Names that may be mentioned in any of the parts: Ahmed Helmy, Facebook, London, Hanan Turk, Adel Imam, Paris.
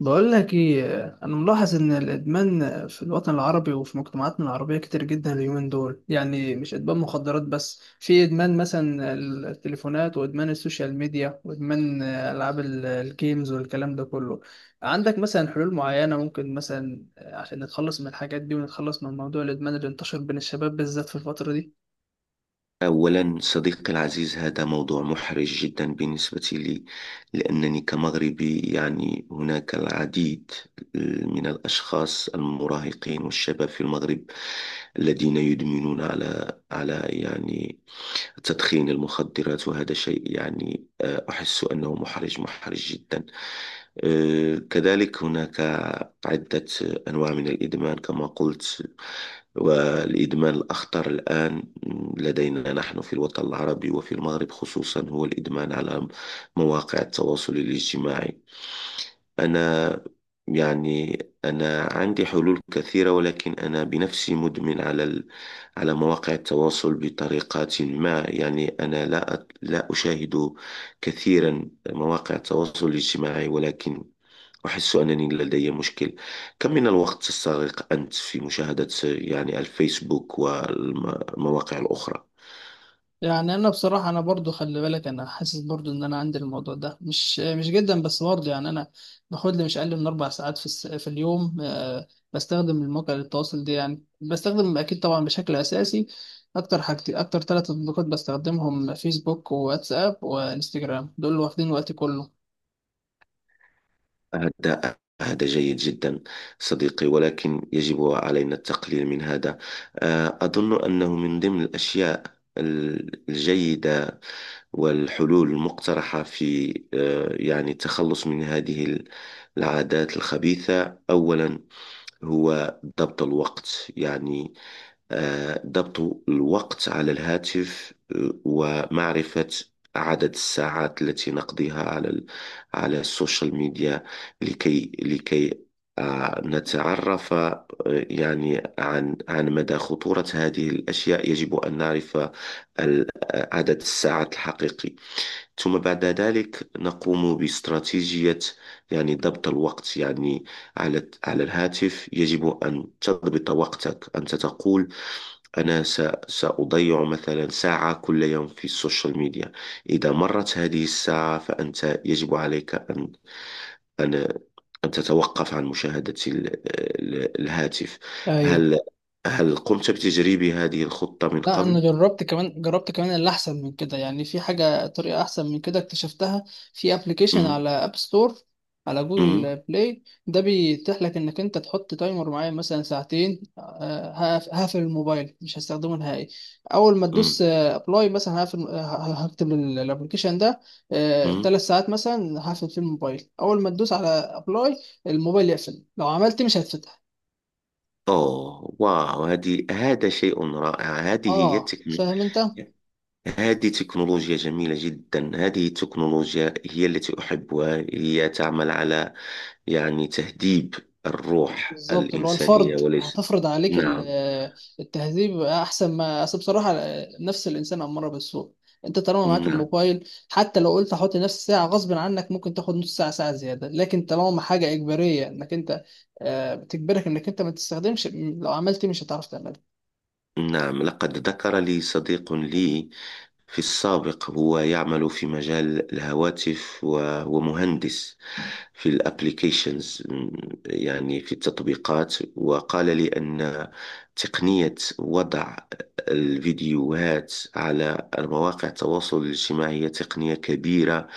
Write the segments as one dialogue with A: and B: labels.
A: بقول لك ايه؟ انا ملاحظ ان الادمان في الوطن العربي وفي مجتمعاتنا العربيه كتير جدا اليومين دول، يعني مش ادمان مخدرات بس، في ادمان مثلا التليفونات، وادمان السوشيال ميديا، وادمان العاب الجيمز والكلام ده كله. عندك مثلا حلول معينه ممكن مثلا عشان نتخلص من الحاجات دي ونتخلص من موضوع الادمان اللي انتشر بين الشباب بالذات في الفتره دي؟
B: أولا صديقي العزيز، هذا موضوع محرج جدا بالنسبة لي. لأنني كمغربي هناك العديد آه، من الأشخاص المراهقين والشباب في المغرب الذين يدمنون على على يعني تدخين المخدرات. وهذا شيء أحس أنه محرج محرج جدا. كذلك هناك عدة أنواع من الإدمان، كما قلت. والإدمان الأخطر الآن لدينا نحن في الوطن العربي وفي المغرب خصوصا هو الإدمان على مواقع التواصل الاجتماعي. أنا يعني أنا عندي حلول كثيرة، ولكن أنا بنفسي مدمن على مواقع التواصل بطريقة ما. أنا لا أشاهد كثيرا مواقع التواصل الاجتماعي، ولكن أحس أنني لدي مشكل. كم من الوقت تستغرق أنت في مشاهدة الفيسبوك والمواقع الأخرى؟
A: يعني انا بصراحه، انا برضو خلي بالك، انا حاسس برضو ان انا عندي الموضوع ده مش جدا، بس برضو يعني انا باخد لي مش اقل من 4 ساعات في اليوم. بستخدم المواقع للتواصل دي، يعني بستخدم اكيد طبعا بشكل اساسي. اكتر 3 تطبيقات بستخدمهم، فيسبوك وواتساب وانستجرام، دول اللي واخدين وقتي كله.
B: هذا هذا جيد جدا صديقي، ولكن يجب علينا التقليل من هذا. أظن أنه من ضمن الأشياء الجيدة والحلول المقترحة في التخلص من هذه العادات الخبيثة. أولا هو ضبط الوقت. ضبط الوقت على الهاتف، ومعرفة عدد الساعات التي نقضيها على السوشيال ميديا، لكي لكي نتعرف عن عن مدى خطورة هذه الأشياء. يجب أن نعرف ال- عدد الساعات الحقيقي، ثم بعد ذلك نقوم باستراتيجية. ضبط الوقت يعني على على الهاتف. يجب أن تضبط وقتك. أنت تقول أنا سأضيع مثلا ساعة كل يوم في السوشيال ميديا. إذا مرت هذه الساعة فأنت يجب عليك أن أن تتوقف عن مشاهدة الهاتف.
A: ايوه.
B: هل هل قمت بتجريب هذه الخطة من
A: لا، انا
B: قبل؟
A: جربت كمان، اللي احسن من كده، يعني في حاجه، طريقه احسن من كده اكتشفتها. في ابلكيشن
B: مم.
A: على اب ستور، على
B: مم.
A: جوجل بلاي، ده بيتيح لك انك انت تحط تايمر معين، مثلا ساعتين. هقفل الموبايل، مش هستخدمه نهائي. اول ما تدوس
B: مم.
A: ابلاي، مثلا هقفل. هكتب الابلكيشن ده
B: مم.
A: 3 ساعات، مثلا هقفل فيه الموبايل. اول ما تدوس على ابلاي، الموبايل يقفل. لو عملت مش هتفتح.
B: أوه، واو! هذا شيء رائع! هذه هي
A: اه،
B: التكنولوجيا.
A: فاهم انت؟
B: هذه تكنولوجيا جميلة جدا، هذه التكنولوجيا هي التي أحبها. هي تعمل على تهذيب الروح
A: بالظبط، اللي هو
B: الإنسانية،
A: الفرض
B: وليس.
A: هتفرض عليك
B: نعم.
A: التهذيب احسن. ما اصل بصراحه، نفس الانسان اماره بالسوء. انت طالما معاك
B: نعم.
A: الموبايل، حتى لو قلت هحط نفس ساعه، غصب عنك ممكن تاخد نص ساعه ساعه زياده، لكن طالما حاجه اجباريه انك انت بتجبرك انك انت ما تستخدمش، لو عملت إيه مش هتعرف تعملها.
B: نعم، لقد ذكر لي صديق لي في السابق، هو يعمل في مجال الهواتف وهو مهندس في الابليكيشنز، في التطبيقات. وقال لي أن تقنية وضع الفيديوهات على مواقع التواصل الاجتماعي هي تقنية كبيرة.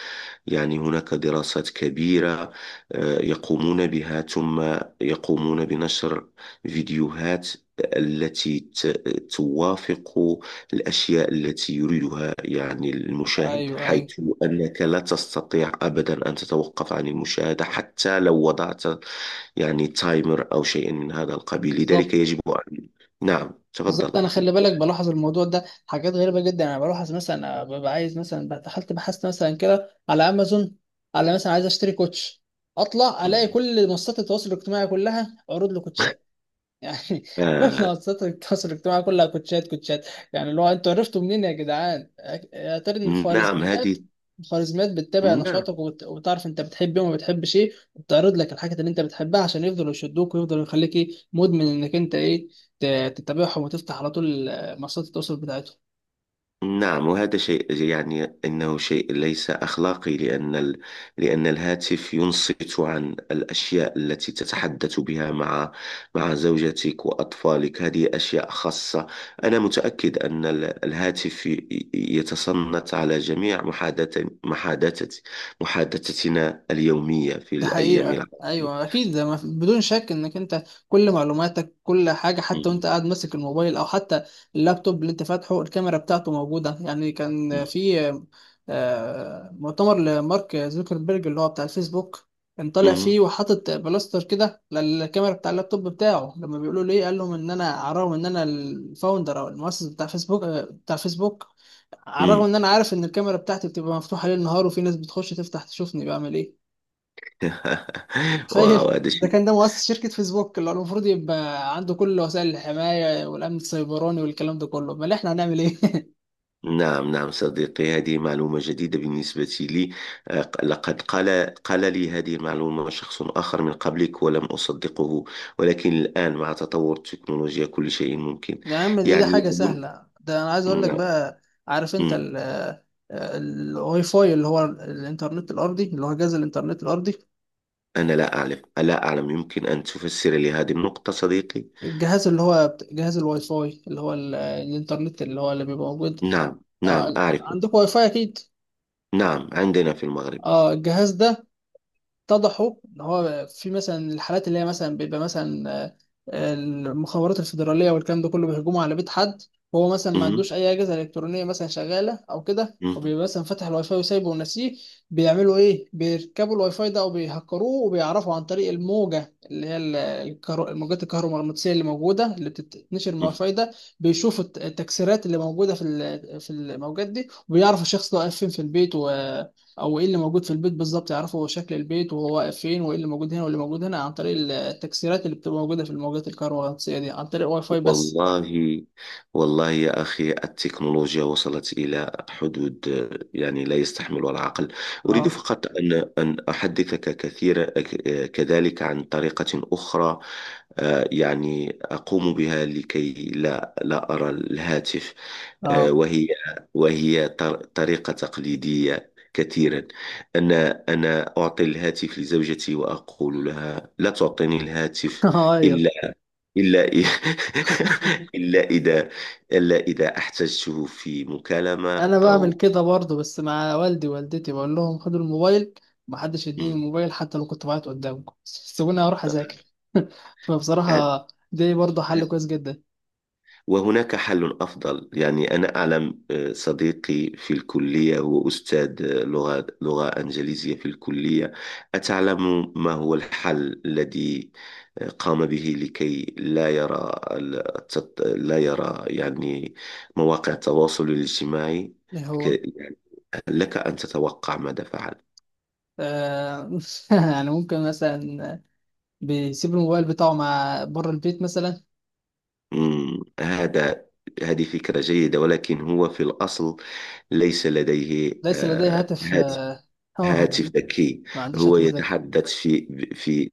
B: هناك دراسات كبيرة يقومون بها، ثم يقومون بنشر فيديوهات التي توافق الأشياء التي يريدها المشاهد،
A: ايوه،
B: حيث
A: ايوه.
B: أنك لا تستطيع أبدا أن تتوقف عن المشاهدة حتى لو وضعت تايمر أو شيء من هذا القبيل. لذلك
A: بالظبط،
B: يجب أن. نعم،
A: بالظبط.
B: تفضل
A: انا
B: أخي.
A: خلي بالك بلاحظ الموضوع ده، حاجات غريبه جدا. انا بلاحظ مثلا أنا ببقى عايز، مثلا دخلت بحثت مثلا كده على امازون، على مثلا عايز اشتري كوتش، اطلع الاقي
B: مم.
A: كل منصات التواصل الاجتماعي كلها عروض لكوتشات، يعني
B: آه،
A: منصات التواصل الاجتماعي كلها كوتشات، كوتشات. يعني اللي هو، انتوا عرفتوا منين يا جدعان؟ يا ترى ان
B: نعم.
A: الخوارزميات
B: هذه.
A: الخوارزميات بتتابع
B: نعم،
A: نشاطك، وبتعرف انت بتحب ايه وما بتحبش ايه، وبتعرض لك الحاجات اللي انت بتحبها عشان يفضلوا يشدوك ويفضلوا يخليك ايه، مدمن، انك انت ايه تتابعهم وتفتح على طول منصات التواصل بتاعتهم.
B: نعم، وهذا شيء أنه شيء ليس أخلاقي. لأن ال. لأن الهاتف ينصت عن الأشياء التي تتحدث بها مع مع زوجتك وأطفالك، هذه أشياء خاصة. أنا متأكد أن الهاتف يتصنت على جميع محادثة محادثة محادثتنا اليومية في
A: ده
B: الأيام
A: حقيقة،
B: العادية.
A: أيوة أكيد. ده ما في- بدون شك إنك أنت كل معلوماتك، كل حاجة، حتى وأنت
B: مم.
A: قاعد ماسك الموبايل أو حتى اللابتوب اللي أنت فاتحه، الكاميرا بتاعته موجودة. يعني كان في مؤتمر لمارك زوكربيرج اللي هو بتاع الفيسبوك، كان طالع فيه
B: مم.
A: وحاطط بلاستر كده للكاميرا بتاع اللابتوب بتاعه. لما بيقولوا ليه، قال لهم إن أنا على الرغم إن أنا الفاوندر أو المؤسس بتاع فيسبوك، على الرغم
B: مم.
A: إن أنا عارف إن الكاميرا بتاعتي بتبقى مفتوحة ليل نهار، وفي ناس بتخش تفتح تشوفني بعمل إيه.
B: واو،
A: تخيل،
B: هذا
A: ده
B: شيء.
A: كان ده مؤسس شركة فيسبوك اللي هو المفروض يبقى عنده كل وسائل الحماية والأمن السيبراني والكلام ده كله، أمال إحنا هنعمل إيه؟
B: نعم. نعم صديقي، هذه معلومة جديدة بالنسبة لي. لقد قال قال لي هذه المعلومة شخص آخر من قبلك، ولم أصدقه. ولكن الآن مع تطور التكنولوجيا كل شيء ممكن.
A: يا عم، دي
B: يعني
A: حاجة سهلة. ده أنا عايز أقول لك
B: نعم.
A: بقى، عارف أنت
B: مم.
A: الواي فاي، اللي هو الإنترنت الأرضي، اللي هو جهاز الإنترنت الأرضي،
B: أنا لا أعرف، لا أعلم. يمكن أن تفسر لي هذه النقطة صديقي؟
A: الجهاز اللي هو جهاز الواي فاي، اللي هو الإنترنت اللي هو اللي بيبقى موجود؟
B: نعم. نعم أعرف.
A: عندكم واي فاي أكيد.
B: نعم، عندنا في المغرب.
A: اه، الجهاز ده اتضحوا ان هو في مثلا الحالات اللي هي مثلا بيبقى مثلا، المخابرات الفيدراليه والكلام ده كله بيهجموا على بيت حد، وهو مثلا ما
B: مم.
A: عندوش اي اجهزه الكترونيه مثلا شغاله او كده، وبيبقى مثلا فاتح الواي فاي وسايبه وناسيه. بيعملوا ايه؟ بيركبوا الواي فاي ده او بيهكروه، وبيعرفوا عن طريق الموجه اللي هي الموجات الكهرومغناطيسيه اللي موجوده، اللي بتتنشر من الواي
B: مم.
A: فاي ده. بيشوفوا التكسيرات اللي موجوده في الموجات دي، وبيعرفوا الشخص ده واقف فين في البيت، و او ايه اللي موجود في البيت بالظبط. يعرفوا هو شكل البيت وهو واقف فين وايه اللي موجود هنا واللي موجود هنا، عن طريق التكسيرات اللي بتبقى موجوده في الموجات الكهرومغناطيسيه دي، عن طريق واي فاي بس.
B: والله، والله يا أخي، التكنولوجيا وصلت إلى حدود لا يستحملها العقل. أريد
A: اه.
B: فقط أن أحدثك كثيرا كذلك عن طريقة أخرى، أقوم بها لكي لا لا أرى الهاتف،
A: اه.
B: وهي. طريقة تقليدية كثيرا. أنا أنا أعطي الهاتف لزوجتي، وأقول لها لا تعطيني الهاتف
A: ايوه،
B: إلا إلا إ- إلا إذا إلا إذا احتجته في مكالمة.
A: انا بعمل
B: أو.
A: كده برضه، بس مع والدي ووالدتي بقول لهم خدوا الموبايل، محدش يديني
B: مم.
A: الموبايل حتى لو كنت بعيط قدامكم. سيبوني اروح اذاكر.
B: هد.
A: فبصراحه دي برضه حل
B: ه.
A: كويس جدا.
B: وهناك حل أفضل. أنا أعلم صديقي في الكلية، هو أستاذ لغة لغة إنجليزية في الكلية. أتعلم ما هو الحل الذي قام به لكي لا يرى لا يرى مواقع التواصل الاجتماعي؟
A: ايه
B: ك.
A: هو؟
B: يعني لك أن تتوقع ماذا فعل.
A: آه. يعني ممكن مثلا بيسيب الموبايل بتاعه مع بره البيت مثلا؟
B: مم، هذه فكرة جيدة، ولكن هو في الأصل ليس لديه
A: ليس لدي هاتف،
B: هذا هاتف ذكي.
A: ما عنديش
B: هو
A: هاتف ذكي.
B: يتحدث في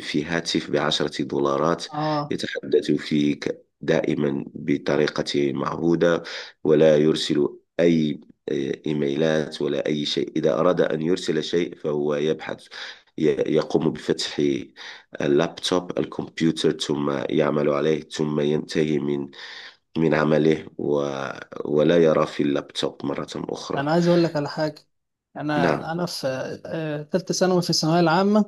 B: في هاتف بـ10 دولارات،
A: اه،
B: يتحدث فيك دائما بطريقة معهودة، ولا يرسل أي إيميلات ولا أي شيء. إذا أراد أن يرسل شيء فهو يبحث، يقوم بفتح اللابتوب، الكمبيوتر، ثم يعمل عليه ثم ينتهي من عمله، و ولا يرى في اللابتوب مرة أخرى.
A: انا عايز اقول لك على حاجه. انا
B: نعم.
A: في تالتة ثانوي، في الثانويه العامه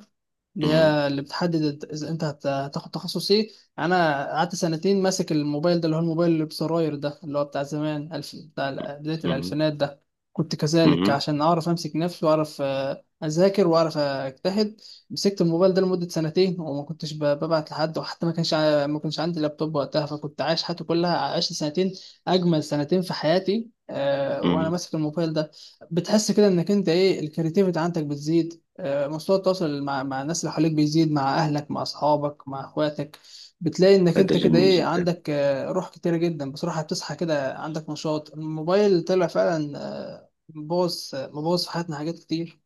A: اللي هي اللي بتحدد اذا انت هتاخد تخصص ايه. انا قعدت سنتين ماسك الموبايل ده، اللي هو الموبايل اللي بزراير ده، اللي هو بتاع زمان، بدايه
B: مم.
A: الالفينات ده، كنت كذلك
B: مهم.
A: عشان اعرف امسك نفسي واعرف، اذاكر واعرف اجتهد. مسكت الموبايل ده لمده سنتين وما كنتش ببعت لحد، وحتى ما كانش عندي لابتوب وقتها، فكنت عايش حياتي كلها. عشت سنتين، اجمل سنتين في حياتي، وانا
B: مهم.
A: ماسك الموبايل ده. بتحس كده انك انت ايه، الكرياتيفيتي عندك بتزيد، مستوى التواصل مع الناس اللي حواليك بيزيد، مع اهلك مع اصحابك مع اخواتك. بتلاقي انك
B: هذا
A: انت كده
B: جميل
A: ايه،
B: جدا.
A: عندك، روح كتيرة جدا بصراحة، بتصحى كده عندك نشاط. الموبايل طلع فعلا، مبوظ، مبوظ في حياتنا حاجات كتير.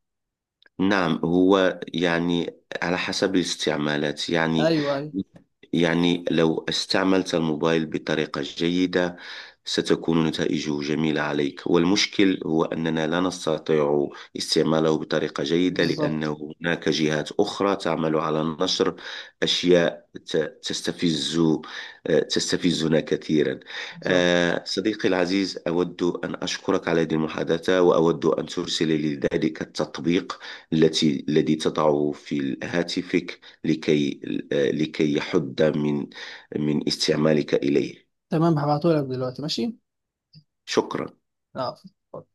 B: نعم، هو على حسب الاستعمالات.
A: ايوه، ايوه.
B: لو استعملت الموبايل بطريقة جيدة ستكون نتائجه جميلة عليك، والمشكل هو أننا لا نستطيع استعماله بطريقة جيدة،
A: بالظبط،
B: لأنه هناك جهات أخرى تعمل على نشر أشياء تستفز تستفزنا كثيرا.
A: بالظبط.
B: صديقي العزيز، أود أن أشكرك على هذه المحادثة، وأود أن ترسل لي ذلك التطبيق الذي تضعه في هاتفك لكي يحد من استعمالك إليه.
A: تمام، هبعتهولك دلوقتي، ماشي.
B: شكرا.
A: اه.